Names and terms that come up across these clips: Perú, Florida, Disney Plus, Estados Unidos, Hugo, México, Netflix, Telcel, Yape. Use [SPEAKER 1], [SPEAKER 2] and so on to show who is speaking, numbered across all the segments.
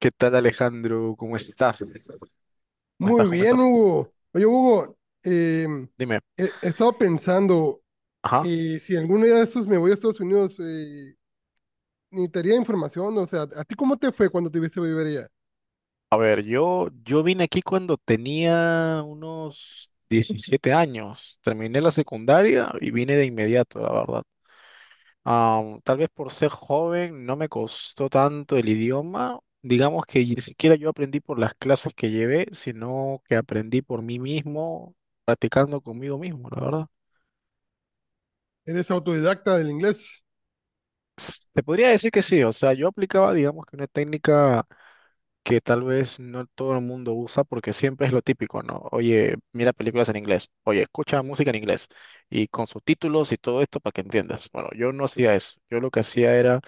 [SPEAKER 1] ¿Qué tal, Alejandro? ¿Cómo estás? ¿Cómo estás?
[SPEAKER 2] Muy
[SPEAKER 1] ¿Cómo
[SPEAKER 2] bien,
[SPEAKER 1] estás?
[SPEAKER 2] Hugo. Oye, Hugo,
[SPEAKER 1] Dime.
[SPEAKER 2] he estado pensando,
[SPEAKER 1] Ajá.
[SPEAKER 2] si algún día de estos me voy a Estados Unidos, necesitaría información, o sea, ¿a ti cómo te fue cuando te viste vivir allá?
[SPEAKER 1] A ver, yo vine aquí cuando tenía unos 17 años. Terminé la secundaria y vine de inmediato, la verdad. Tal vez por ser joven no me costó tanto el idioma. Digamos que ni siquiera yo aprendí por las clases que llevé, sino que aprendí por mí mismo, practicando conmigo mismo, la verdad.
[SPEAKER 2] Eres autodidacta del inglés.
[SPEAKER 1] Se podría decir que sí, o sea, yo aplicaba, digamos, que una técnica que tal vez no todo el mundo usa porque siempre es lo típico, ¿no? Oye, mira películas en inglés, oye, escucha música en inglés y con subtítulos y todo esto para que entiendas. Bueno, yo no hacía eso, yo lo que hacía era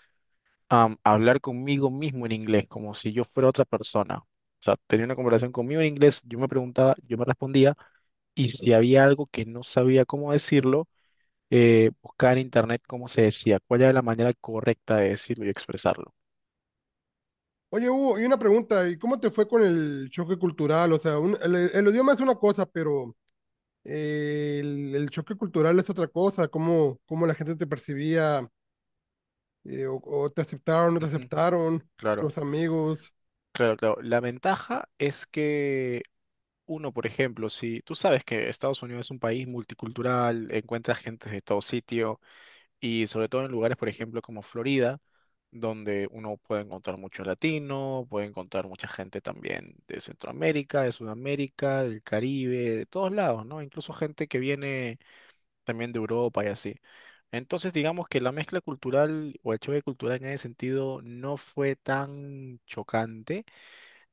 [SPEAKER 1] hablar conmigo mismo en inglés, como si yo fuera otra persona. O sea, tenía una conversación conmigo en inglés, yo me preguntaba, yo me respondía, y si había algo que no sabía cómo decirlo, buscar en internet cómo se decía, cuál era la manera correcta de decirlo y expresarlo.
[SPEAKER 2] Oye, Hugo, y una pregunta, ¿y cómo te fue con el choque cultural? O sea, el idioma es una cosa, pero el choque cultural es otra cosa, cómo, cómo la gente te percibía, o te aceptaron, no te
[SPEAKER 1] Ujú.
[SPEAKER 2] aceptaron,
[SPEAKER 1] Claro.
[SPEAKER 2] los amigos.
[SPEAKER 1] Claro, claro. La ventaja es que uno, por ejemplo, si tú sabes que Estados Unidos es un país multicultural, encuentra gente de todo sitio, y sobre todo en lugares, por ejemplo, como Florida, donde uno puede encontrar mucho latino, puede encontrar mucha gente también de Centroamérica, de Sudamérica, del Caribe, de todos lados, ¿no? Incluso gente que viene también de Europa y así. Entonces, digamos que la mezcla cultural o el choque cultural en ese sentido no fue tan chocante,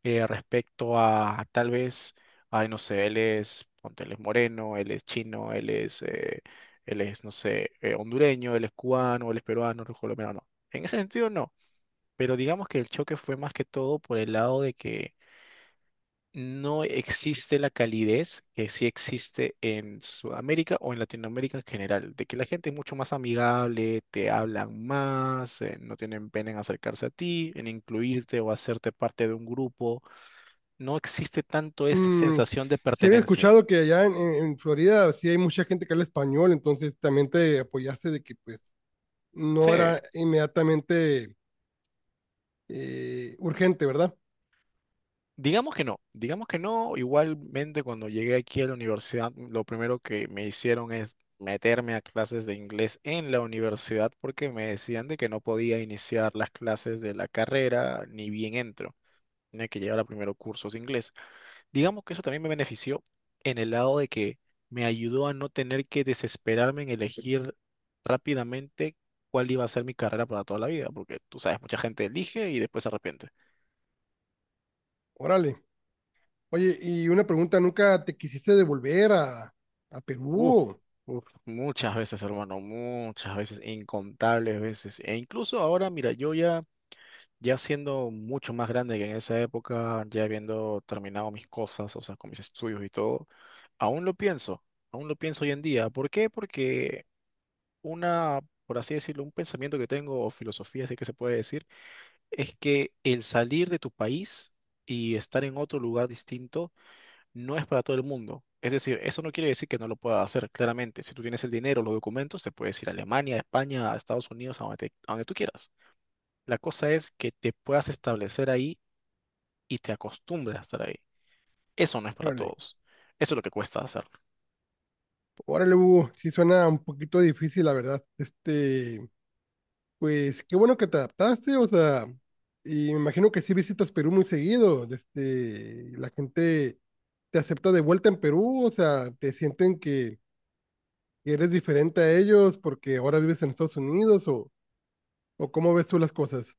[SPEAKER 1] respecto a tal vez, ay, no sé, él es, ponte, él es moreno, él es chino, él es, no sé, hondureño, él es cubano, él es peruano, él es colombiano, no. En ese sentido, no. Pero digamos que el choque fue más que todo por el lado de que no existe la calidez que sí existe en Sudamérica o en Latinoamérica en general, de que la gente es mucho más amigable, te hablan más, no tienen pena en acercarse a ti, en incluirte o hacerte parte de un grupo. No existe tanto esa
[SPEAKER 2] Mm,
[SPEAKER 1] sensación de
[SPEAKER 2] se había
[SPEAKER 1] pertenencia.
[SPEAKER 2] escuchado que allá en Florida sí hay mucha gente que habla español, entonces también te apoyaste de que pues
[SPEAKER 1] Sí,
[SPEAKER 2] no era inmediatamente urgente, ¿verdad?
[SPEAKER 1] digamos que no, digamos que no. Igualmente, cuando llegué aquí a la universidad, lo primero que me hicieron es meterme a clases de inglés en la universidad porque me decían de que no podía iniciar las clases de la carrera ni bien entro. Tenía que llevar a primero cursos de inglés. Digamos que eso también me benefició en el lado de que me ayudó a no tener que desesperarme en elegir rápidamente cuál iba a ser mi carrera para toda la vida, porque tú sabes, mucha gente elige y después se arrepiente.
[SPEAKER 2] Órale. Oye, y una pregunta, ¿nunca te quisiste devolver a
[SPEAKER 1] Uf,
[SPEAKER 2] Perú?
[SPEAKER 1] uf, muchas veces, hermano, muchas veces, incontables veces. E incluso ahora, mira, yo ya, ya siendo mucho más grande que en esa época, ya habiendo terminado mis cosas, o sea, con mis estudios y todo, aún lo pienso, aún lo pienso hoy en día. ¿Por qué? Porque una, por así decirlo, un pensamiento que tengo o filosofía, así que se puede decir, es que el salir de tu país y estar en otro lugar distinto no es para todo el mundo. Es decir, eso no quiere decir que no lo puedas hacer, claramente. Si tú tienes el dinero, los documentos, te puedes ir a Alemania, a España, a Estados Unidos, a donde, a donde tú quieras. La cosa es que te puedas establecer ahí y te acostumbres a estar ahí. Eso no es para
[SPEAKER 2] Órale,
[SPEAKER 1] todos. Eso es lo que cuesta hacer.
[SPEAKER 2] órale, Hugo, sí suena un poquito difícil, la verdad. Este, pues qué bueno que te adaptaste, o sea, y me imagino que sí visitas Perú muy seguido, este, la gente te acepta de vuelta en Perú, o sea, te sienten que eres diferente a ellos porque ahora vives en Estados Unidos o cómo ves tú las cosas.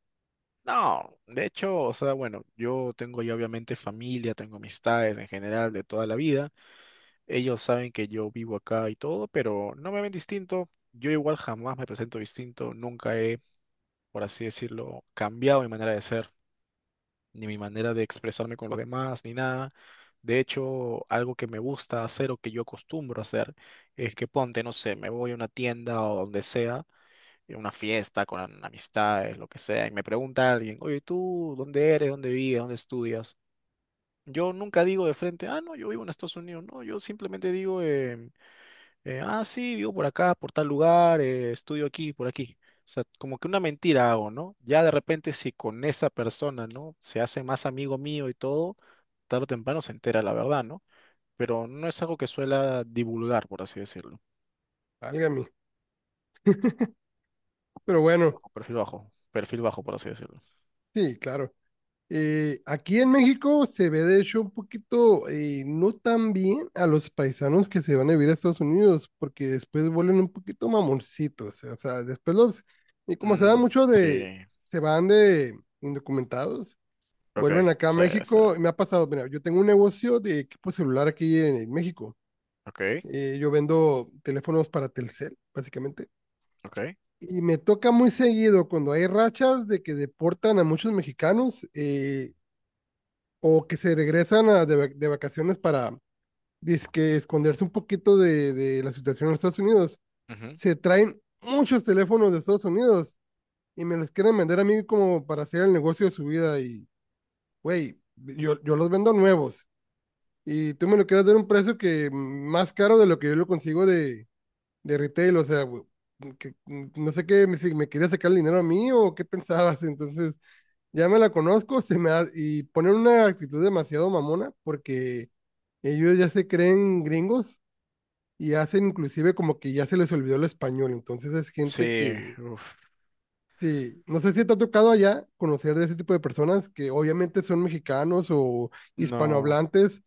[SPEAKER 1] No, de hecho, o sea, bueno, yo tengo ya obviamente familia, tengo amistades en general de toda la vida. Ellos saben que yo vivo acá y todo, pero no me ven distinto. Yo igual jamás me presento distinto, nunca he, por así decirlo, cambiado mi manera de ser, ni mi manera de expresarme con los demás, ni nada. De hecho, algo que me gusta hacer o que yo acostumbro a hacer es que ponte, no sé, me voy a una tienda o donde sea, en una fiesta con amistades, lo que sea, y me pregunta alguien: oye, ¿tú dónde eres? ¿Dónde vives? ¿Dónde estudias? Yo nunca digo de frente, ah, no, yo vivo en Estados Unidos, no, yo simplemente digo, ah, sí, vivo por acá, por tal lugar, estudio aquí, por aquí. O sea, como que una mentira hago, ¿no? Ya de repente si con esa persona, ¿no? Se hace más amigo mío y todo, tarde o temprano se entera la verdad, ¿no? Pero no es algo que suela divulgar, por así decirlo.
[SPEAKER 2] Válgame, pero bueno,
[SPEAKER 1] Bajo, perfil bajo, perfil bajo, por así decirlo.
[SPEAKER 2] sí, claro. Aquí en México se ve de hecho un poquito no tan bien a los paisanos que se van a vivir a Estados Unidos, porque después vuelven un poquito mamoncitos, o sea, después los, y como se da
[SPEAKER 1] Mm,
[SPEAKER 2] mucho
[SPEAKER 1] sí.
[SPEAKER 2] de, se van de indocumentados,
[SPEAKER 1] Ok,
[SPEAKER 2] vuelven acá a
[SPEAKER 1] sí, sí.
[SPEAKER 2] México, y me ha pasado, mira, yo tengo un negocio de equipo celular aquí en México.
[SPEAKER 1] Ok,
[SPEAKER 2] Yo vendo teléfonos para Telcel, básicamente.
[SPEAKER 1] ok.
[SPEAKER 2] Y me toca muy seguido cuando hay rachas de que deportan a muchos mexicanos. O que se regresan de vacaciones para dizque esconderse un poquito de la situación en Estados Unidos,
[SPEAKER 1] Ujú.
[SPEAKER 2] se traen muchos teléfonos de Estados Unidos y me los quieren vender a mí como para hacer el negocio de su vida y, güey, yo los vendo nuevos y tú me lo quieres dar a un precio que más caro de lo que yo lo consigo de retail, o sea, güey, que, no sé qué, si me quería sacar el dinero a mí o qué pensabas, entonces ya me la conozco, y ponen una actitud demasiado mamona porque ellos ya se creen gringos y hacen inclusive como que ya se les olvidó el español. Entonces es gente
[SPEAKER 1] Sí,
[SPEAKER 2] que,
[SPEAKER 1] uf,
[SPEAKER 2] sí, no sé si te ha tocado allá conocer de ese tipo de personas que obviamente son mexicanos o
[SPEAKER 1] no,
[SPEAKER 2] hispanohablantes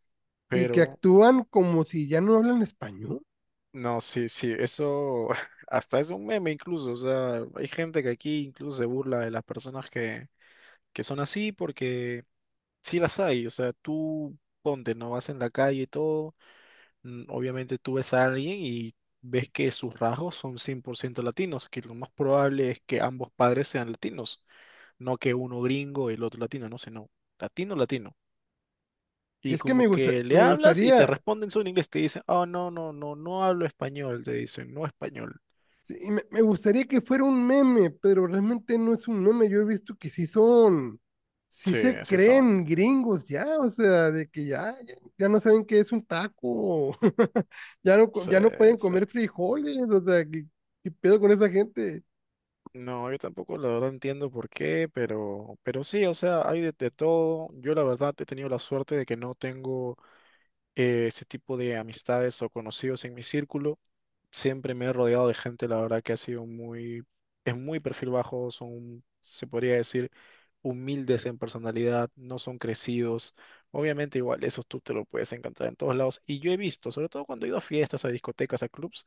[SPEAKER 2] y que
[SPEAKER 1] pero
[SPEAKER 2] actúan como si ya no hablan español.
[SPEAKER 1] no, sí, sí, eso hasta es un meme incluso, o sea, hay gente que aquí incluso se burla de las personas que son así porque sí las hay, o sea, tú ponte, no vas en la calle y todo, mm, obviamente tú ves a alguien y ves que sus rasgos son 100% latinos, que lo más probable es que ambos padres sean latinos, no que uno gringo y el otro latino, no, sino latino, latino.
[SPEAKER 2] Y
[SPEAKER 1] Y
[SPEAKER 2] es que
[SPEAKER 1] como
[SPEAKER 2] me gusta,
[SPEAKER 1] que le
[SPEAKER 2] me
[SPEAKER 1] hablas y te
[SPEAKER 2] gustaría
[SPEAKER 1] responden solo en inglés, te dicen, oh, no, no, no, no hablo español, te dicen, no español.
[SPEAKER 2] sí, me gustaría que fuera un meme, pero realmente no es un meme. Yo he visto que sí son, sí
[SPEAKER 1] Sí,
[SPEAKER 2] se
[SPEAKER 1] así son.
[SPEAKER 2] creen gringos ya, o sea, de que ya, ya, ya no saben qué es un taco, ya no,
[SPEAKER 1] Sí,
[SPEAKER 2] ya no pueden
[SPEAKER 1] sí.
[SPEAKER 2] comer frijoles, o sea, ¿qué, qué pedo con esa gente?
[SPEAKER 1] No, yo tampoco la verdad entiendo por qué, pero sí, o sea, hay de todo. Yo la verdad he tenido la suerte de que no tengo ese tipo de amistades o conocidos en mi círculo. Siempre me he rodeado de gente, la verdad que ha sido muy, es muy perfil bajo, son, se podría decir, humildes en personalidad, no son crecidos. Obviamente igual, esos tú te lo puedes encontrar en todos lados. Y yo he visto, sobre todo cuando he ido a fiestas, a discotecas, a clubs,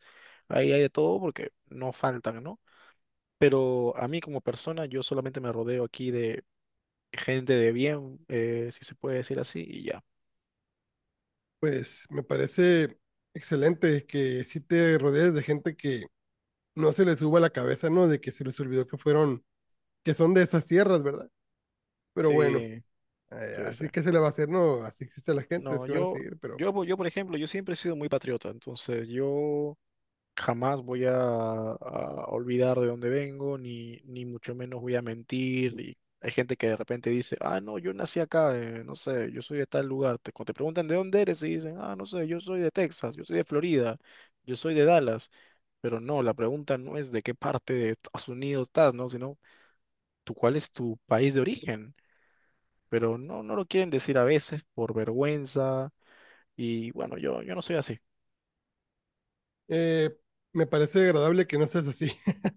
[SPEAKER 1] ahí hay de todo porque no faltan, ¿no? Pero a mí como persona, yo solamente me rodeo aquí de gente de bien, si se puede decir así, y ya.
[SPEAKER 2] Pues me parece excelente que sí te rodees de gente que no se les suba la cabeza, ¿no? De que se les olvidó que fueron, que son de esas tierras, ¿verdad? Pero bueno,
[SPEAKER 1] Sí, sí, sí.
[SPEAKER 2] así que se le va a hacer, ¿no? Así existe la gente,
[SPEAKER 1] No,
[SPEAKER 2] se van a
[SPEAKER 1] yo,
[SPEAKER 2] seguir, pero...
[SPEAKER 1] yo, por- yo, por ejemplo, yo siempre he sido muy patriota, entonces yo... jamás voy a olvidar de dónde vengo, ni mucho menos voy a mentir. Y hay gente que de repente dice, ah, no, yo nací acá, no sé, yo soy de tal lugar. Cuando te preguntan de dónde eres, y dicen, ah, no sé, yo soy de Texas, yo soy de Florida, yo soy de Dallas. Pero no, la pregunta no es de qué parte de Estados Unidos estás, ¿no? Sino, tú, ¿cuál es tu país de origen? Pero no, no lo quieren decir a veces por vergüenza. Y bueno, yo no soy así.
[SPEAKER 2] Eh, Me parece agradable que no seas así.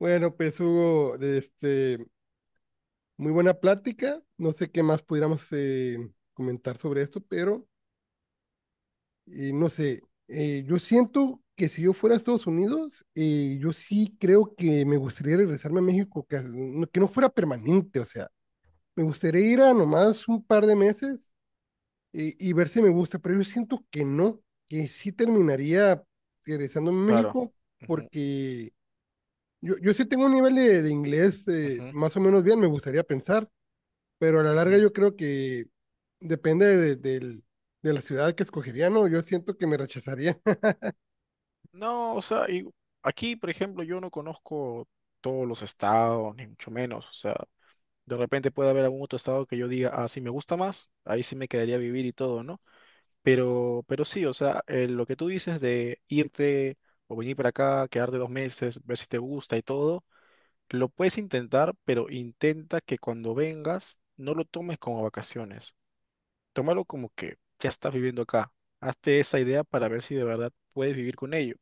[SPEAKER 2] Bueno, pues Hugo, este, muy buena plática. No sé qué más pudiéramos comentar sobre esto, pero no sé. Yo siento que si yo fuera a Estados Unidos, yo sí creo que me gustaría regresarme a México, que, que no fuera permanente, o sea, me gustaría ir a nomás un par de meses y ver si me gusta, pero yo siento que no, que sí terminaría regresando a
[SPEAKER 1] Claro.
[SPEAKER 2] México
[SPEAKER 1] Ujú,
[SPEAKER 2] porque yo sí tengo un nivel de inglés
[SPEAKER 1] ujú,
[SPEAKER 2] más o menos bien, me gustaría pensar, pero a la larga
[SPEAKER 1] ujú.
[SPEAKER 2] yo creo que depende de la ciudad que escogería, ¿no? Yo siento que me rechazaría.
[SPEAKER 1] No, o sea, y aquí, por ejemplo, yo no conozco todos los estados, ni mucho menos. O sea, de repente puede haber algún otro estado que yo diga, ah, sí me gusta más, ahí sí me quedaría a vivir y todo, ¿no? Pero sí, o sea, lo que tú dices de irte o venir para acá, quedarte 2 meses, ver si te gusta y todo, lo puedes intentar, pero intenta que cuando vengas no lo tomes como vacaciones. Tómalo como que ya estás viviendo acá. Hazte esa idea para ver si de verdad puedes vivir con ello.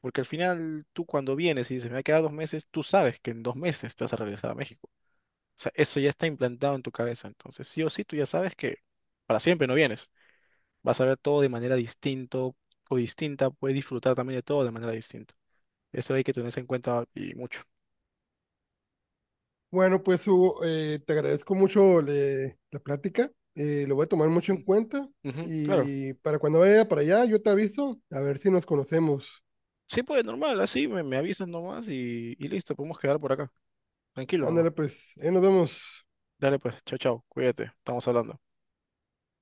[SPEAKER 1] Porque al final tú cuando vienes y dices, me voy a quedar 2 meses, tú sabes que en 2 meses te vas a regresar a México. O sea, eso ya está implantado en tu cabeza. Entonces, sí o sí, tú ya sabes que para siempre no vienes. Vas a ver todo de manera distinto o distinta, puedes disfrutar también de todo de manera distinta. Eso hay que tenerse en cuenta y mucho.
[SPEAKER 2] Bueno, pues Hugo, te agradezco mucho la plática, lo voy a tomar mucho en
[SPEAKER 1] Mm,
[SPEAKER 2] cuenta
[SPEAKER 1] ujú, claro.
[SPEAKER 2] y para cuando vaya para allá yo te aviso, a ver si nos conocemos.
[SPEAKER 1] Sí, pues normal, así me avisas nomás y listo, podemos quedar por acá. Tranquilo nomás.
[SPEAKER 2] Ándale, pues, ahí nos vemos.
[SPEAKER 1] Dale, pues, chao, chao, cuídate, estamos hablando.